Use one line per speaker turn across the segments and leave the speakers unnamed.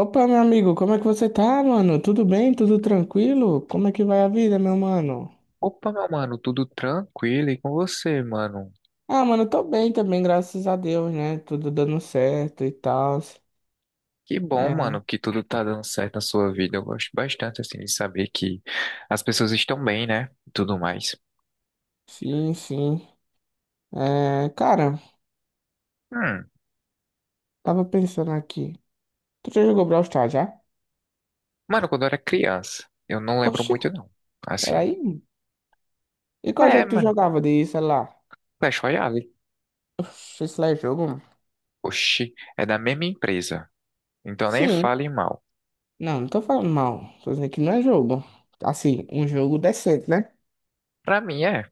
Opa, meu amigo, como é que você tá, mano? Tudo bem? Tudo tranquilo? Como é que vai a vida, meu mano?
Opa, meu mano, tudo tranquilo e com você, mano?
Ah, mano, eu tô bem também, graças a Deus, né? Tudo dando certo e tal.
Que bom,
É,
mano, que tudo tá dando certo na sua vida. Eu gosto bastante, assim, de saber que as pessoas estão bem, né? E tudo mais.
sim, sim. É, cara,
Hum,
tava pensando aqui. Tu já jogou Brawl Stars, já?
Mano, quando eu era criança, eu não lembro
Oxi,
muito, não. Assim,
peraí. E qual
é,
jogo tu
mano,
jogava de celular?
Clash Royale.
Oxi, isso lá é jogo, mano?
Oxi, é da mesma empresa. Então nem
Sim.
fale mal.
Não, não tô falando mal. Tô dizendo que não é jogo. Assim, um jogo decente, né?
Pra mim, é.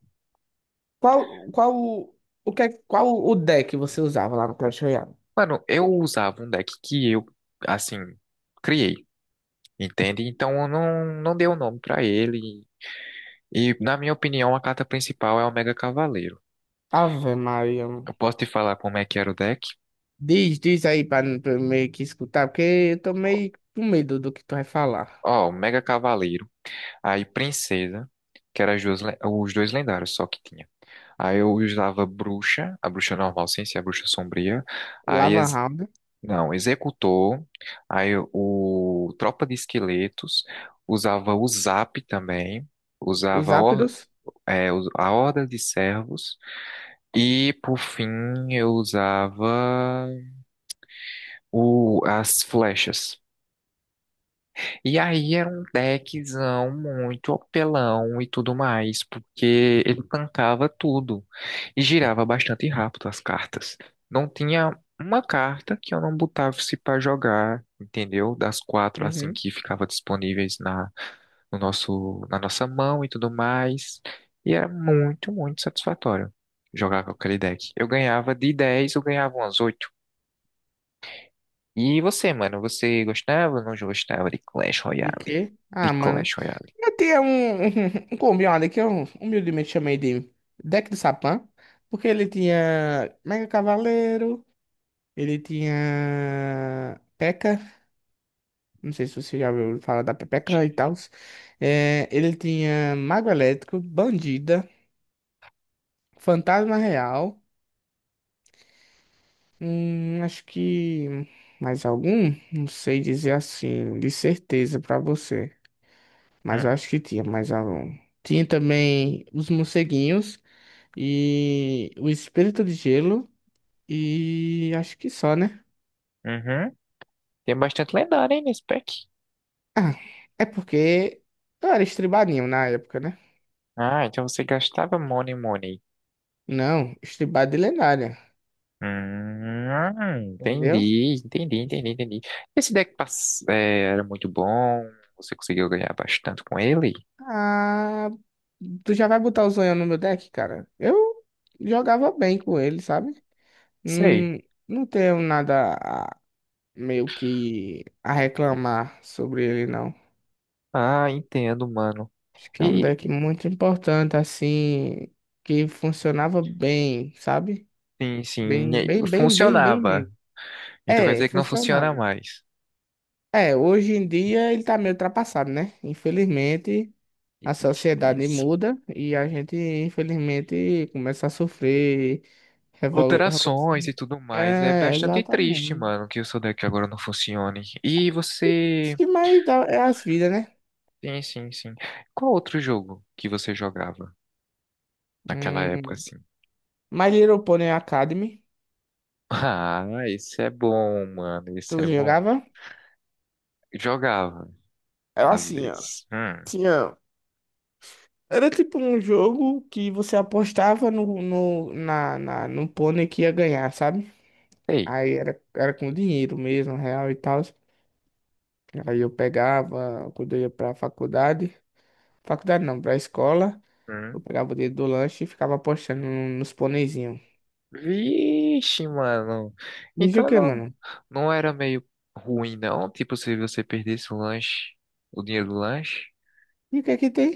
Qual, qual, o que, é- qual o deck você usava lá no Clash Royale?
Mano, eu usava um deck que eu, assim, criei, entende? Então eu não, não dei o nome pra ele. E, na minha opinião, a carta principal é o Mega Cavaleiro.
Ave Maria, mano.
Eu posso te falar como é que era o deck?
Diz aí pra eu meio que escutar, porque eu tô meio com medo do que tu vai falar.
Ó, o Mega Cavaleiro. Aí, Princesa, que era os dois lendários só que tinha. Aí eu usava Bruxa, a Bruxa normal, sem ser a Bruxa Sombria.
O
Aí,
Lava Round,
não, Executor. Aí, o Tropa de Esqueletos. Usava o Zap também.
os
Usava
Zapdos.
é, a Horda de Servos. E, por fim, eu usava, as flechas. E aí era um deckzão muito apelão e tudo mais, porque ele tancava tudo e girava bastante rápido as cartas. Não tinha uma carta que eu não botasse para jogar, entendeu? Das quatro assim
Uhum.
que ficava disponíveis na no nosso na nossa mão e tudo mais. E era muito, muito satisfatório jogar com aquele deck. Eu ganhava. De 10 eu ganhava umas oito. E você, mano, você gostava ou não gostava de Clash
De
Royale?
quê?
De
Ah, mano.
Clash Royale.
Eu tinha um, um combinado que eu humildemente chamei de deck do Sapã, porque ele tinha Mega Cavaleiro, ele tinha P.E.K.K.A. Não sei se você já ouviu falar da Pepeca e tal. É, ele tinha Mago Elétrico, Bandida, Fantasma Real. Acho que mais algum? Não sei dizer assim, de certeza pra você. Mas eu
Hum,
acho que tinha mais algum. Tinha também os morceguinhos e o Espírito de Gelo. E acho que só, né?
uhum. Tem bastante lendário, hein, nesse pack.
Ah, é porque eu era estribadinho na época, né?
Ah, então você gastava Money Money.
Não, estribado de lendária. Entendeu?
Entendi, entendi, entendi, entendi. Esse deck é, era muito bom, você conseguiu ganhar bastante com ele?
Ah, tu já vai botar o Zonhão no meu deck, cara? Eu jogava bem com ele, sabe?
Sei.
Hum, não tenho nada a- meio que a reclamar sobre ele, não.
Ah, entendo, mano.
Acho que é um
E,
deck muito importante, assim, que funcionava bem, sabe?
sim, sim, e
Bem,
aí,
bem, bem, bem, bem
funcionava.
mesmo.
Então quer
É,
dizer que não funciona
funcionava.
mais.
É, hoje em dia ele tá meio ultrapassado, né? Infelizmente,
Que
a sociedade
tristeza.
muda e a gente, infelizmente, começa a sofrer
Alterações
revolução.
e tudo mais. É
É,
bastante triste,
exatamente.
mano, que o seu deck agora não funcione. E
Isso
você.
que mais dá é as vidas, né?
Sim, sim, sim. Qual outro jogo que você jogava naquela época,
Hum.
assim?
My Little Pony Academy,
Ah, esse é bom, mano. Esse
tu
é bom.
jogava?
Jogava,
Era
às
assim, ó.
vezes. Hum.
Tinha. Era tipo um jogo que você apostava no pônei que ia ganhar, sabe?
Ei.
Era com dinheiro mesmo, real e tal. Aí eu pegava, quando eu ia pra faculdade. Faculdade não, pra escola. Eu
Hum.
pegava o dinheiro do lanche e ficava apostando nos pôneizinhos.
Vixe, mano.
Me diz o
Então
que,
não,
mano?
não era meio ruim, não. Tipo, se você perdesse o lanche, o dinheiro do lanche.
E o que é que tem?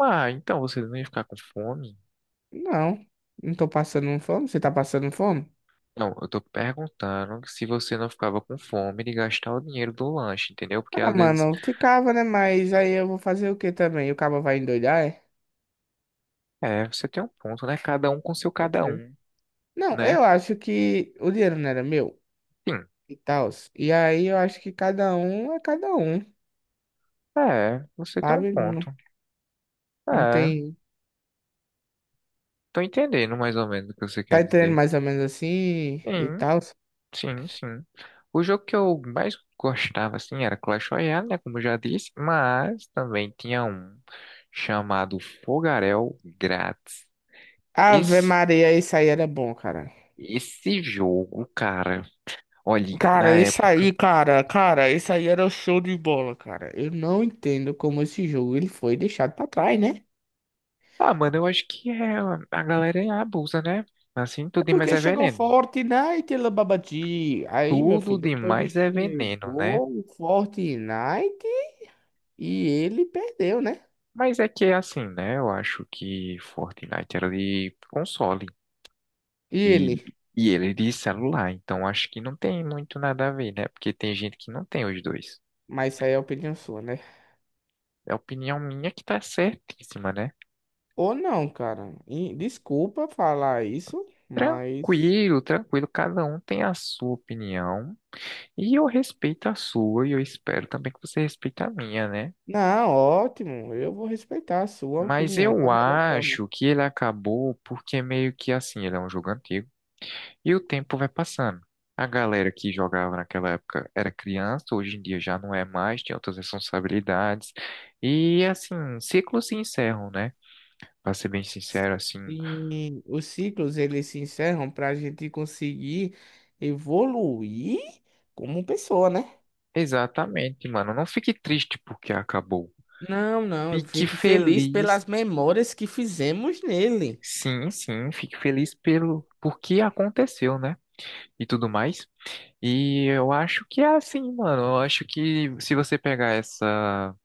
Ah, então você não ia ficar com fome.
Não. Não tô passando fome? Você tá passando fome?
Não, eu tô perguntando se você não ficava com fome de gastar o dinheiro do lanche, entendeu? Porque
Ah,
às vezes,
mano, ficava, né? Mas aí eu vou fazer o que também? O cabo vai endoidar, é?
é, você tem um ponto, né? Cada um com seu cada
Certeza.
um,
Não,
né?
eu acho que o dinheiro não era meu
Sim.
e tal. E aí eu acho que cada um é cada um,
É, você tem um
sabe? Não,
ponto.
não
É,
tem.
tô entendendo mais ou menos o que você quer
Tá entendendo
dizer.
mais ou menos assim e
Sim,
tal.
sim, sim. O jogo que eu mais gostava, assim, era Clash Royale, né? Como eu já disse, mas também tinha um chamado Fogarel Grátis.
Ave
Esse,
Maria, isso aí era bom, cara.
esse jogo, cara. Olha,
Cara,
na
esse
época.
aí, cara, cara, esse aí era o show de bola, cara. Eu não entendo como esse jogo ele foi deixado pra trás, né?
Ah, mano, eu acho que é, a galera abusa, né? Assim,
É
tudo demais
porque
é
chegou
veneno.
Fortnite, ela babadi. Aí, meu
Tudo
filho, depois que
demais é veneno, né?
chegou o Fortnite e ele perdeu, né?
Mas é que é assim, né? Eu acho que Fortnite era de console
E
e,
ele?
e ele é de celular, então acho que não tem muito nada a ver, né? Porque tem gente que não tem os dois.
Mas isso aí é opinião sua, né?
É a opinião minha que tá certíssima, né?
Ou não, cara. E desculpa falar isso, mas.
Tranquilo, tranquilo, cada um tem a sua opinião e eu respeito a sua e eu espero também que você respeite a minha, né?
Não, ótimo. Eu vou respeitar a sua
Mas
opinião da
eu
melhor forma.
acho que ele acabou porque meio que assim, ele é um jogo antigo e o tempo vai passando. A galera que jogava naquela época era criança, hoje em dia já não é mais, tem outras responsabilidades. E assim, ciclos se encerram, né? Pra ser bem sincero, assim.
E os ciclos eles se encerram para a gente conseguir evoluir como pessoa, né?
Exatamente, mano. Não fique triste porque acabou.
Não, não, eu
Fique
fique feliz
feliz,
pelas memórias que fizemos nele.
sim, sim, fique feliz pelo porque aconteceu, né? E tudo mais. E eu acho que é assim, mano. Eu acho que se você pegar essa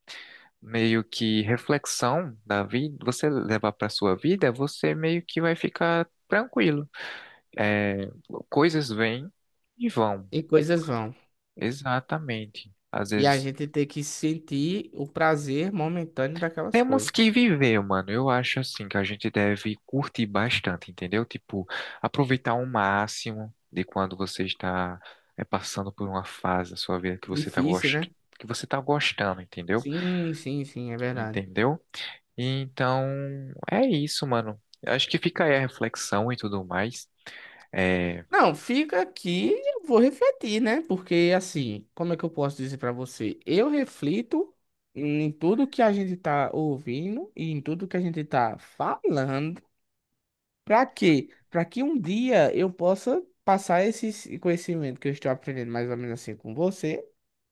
meio que reflexão da vida, você levar pra sua vida, você meio que vai ficar tranquilo. É, coisas vêm e vão.
E coisas vão.
Exatamente. Às
E a
vezes
gente tem que sentir o prazer momentâneo daquelas
temos
coisas.
que viver, mano. Eu acho assim que a gente deve curtir bastante, entendeu? Tipo, aproveitar o máximo de quando você está é, passando por uma fase da sua vida
Difícil, né?
que você tá gostando, entendeu?
Sim, sim, sim, é verdade.
Entendeu? Então, é isso, mano. Eu acho que fica aí a reflexão e tudo mais. É...
Não, fica aqui, eu vou refletir, né? Porque assim, como é que eu posso dizer pra você? Eu reflito em tudo que a gente tá ouvindo e em tudo que a gente tá falando. Pra quê? Pra que um dia eu possa passar esse conhecimento que eu estou aprendendo mais ou menos assim com você,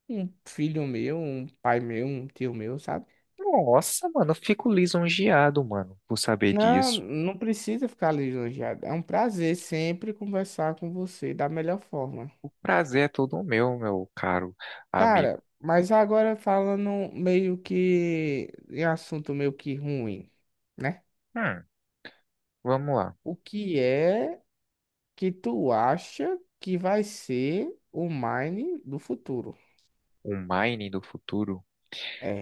um filho meu, um pai meu, um tio meu, sabe?
Nossa, mano, eu fico lisonjeado, mano, por saber
Não,
disso.
não precisa ficar lisonjeado. É um prazer sempre conversar com você da melhor forma.
O prazer é todo meu, meu caro amigo.
Cara, mas agora falando meio que em assunto meio que ruim, né?
Hum, Vamos lá.
O que é que tu acha que vai ser o Mine do futuro?
O mining do futuro.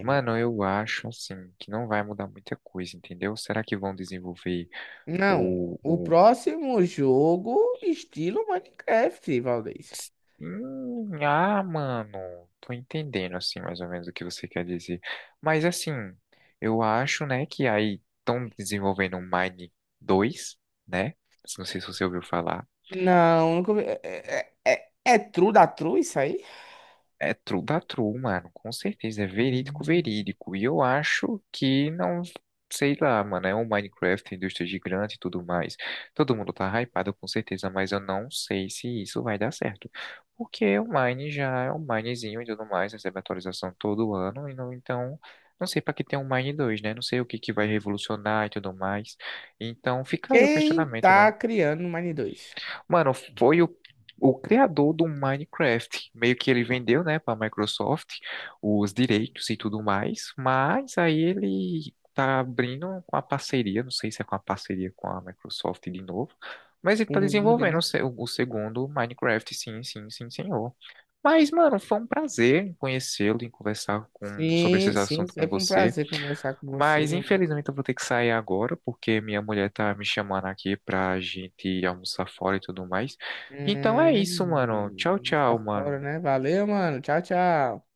Mano, eu acho assim que não vai mudar muita coisa, entendeu? Será que vão desenvolver
não, o
o,
próximo jogo estilo Minecraft, Valdez.
mano, tô entendendo assim mais ou menos o que você quer dizer. Mas assim, eu acho, né, que aí estão desenvolvendo o Mine 2, né? Não sei se você ouviu falar.
Não, nunca vi- é true da true isso aí?
É true da true, mano, com certeza, é verídico,
Hum.
verídico. E eu acho que não, sei lá, mano, é um Minecraft, indústria gigante e tudo mais. Todo mundo tá hypado com certeza, mas eu não sei se isso vai dar certo. Porque o Mine já é um Minezinho e tudo mais, recebe atualização todo ano, e não, então, não sei pra que tem um Mine 2 né? Não sei o que que vai revolucionar e tudo mais. Então, fica aí o
Quem
questionamento, né?
tá criando o Mine 2?
Mano, foi o criador do Minecraft. Meio que ele vendeu, né, para Microsoft os direitos e tudo mais, mas aí ele tá abrindo uma parceria, não sei se é com a parceria com a Microsoft de novo, mas ele tá
Com o Wood,
desenvolvendo
né?
o, se- o segundo Minecraft, sim, sim, sim, senhor. Mas, mano, foi um prazer em conhecê-lo e conversar sobre
Sim,
esses
sim,
assuntos com
sempre um
você.
prazer conversar com você,
Mas
meu
infelizmente eu vou ter que sair agora, porque minha mulher tá me chamando aqui pra gente almoçar fora e tudo mais. Então é isso, mano. Tchau, tchau,
Faço
mano.
né? Valeu, mano. Tchau, tchau.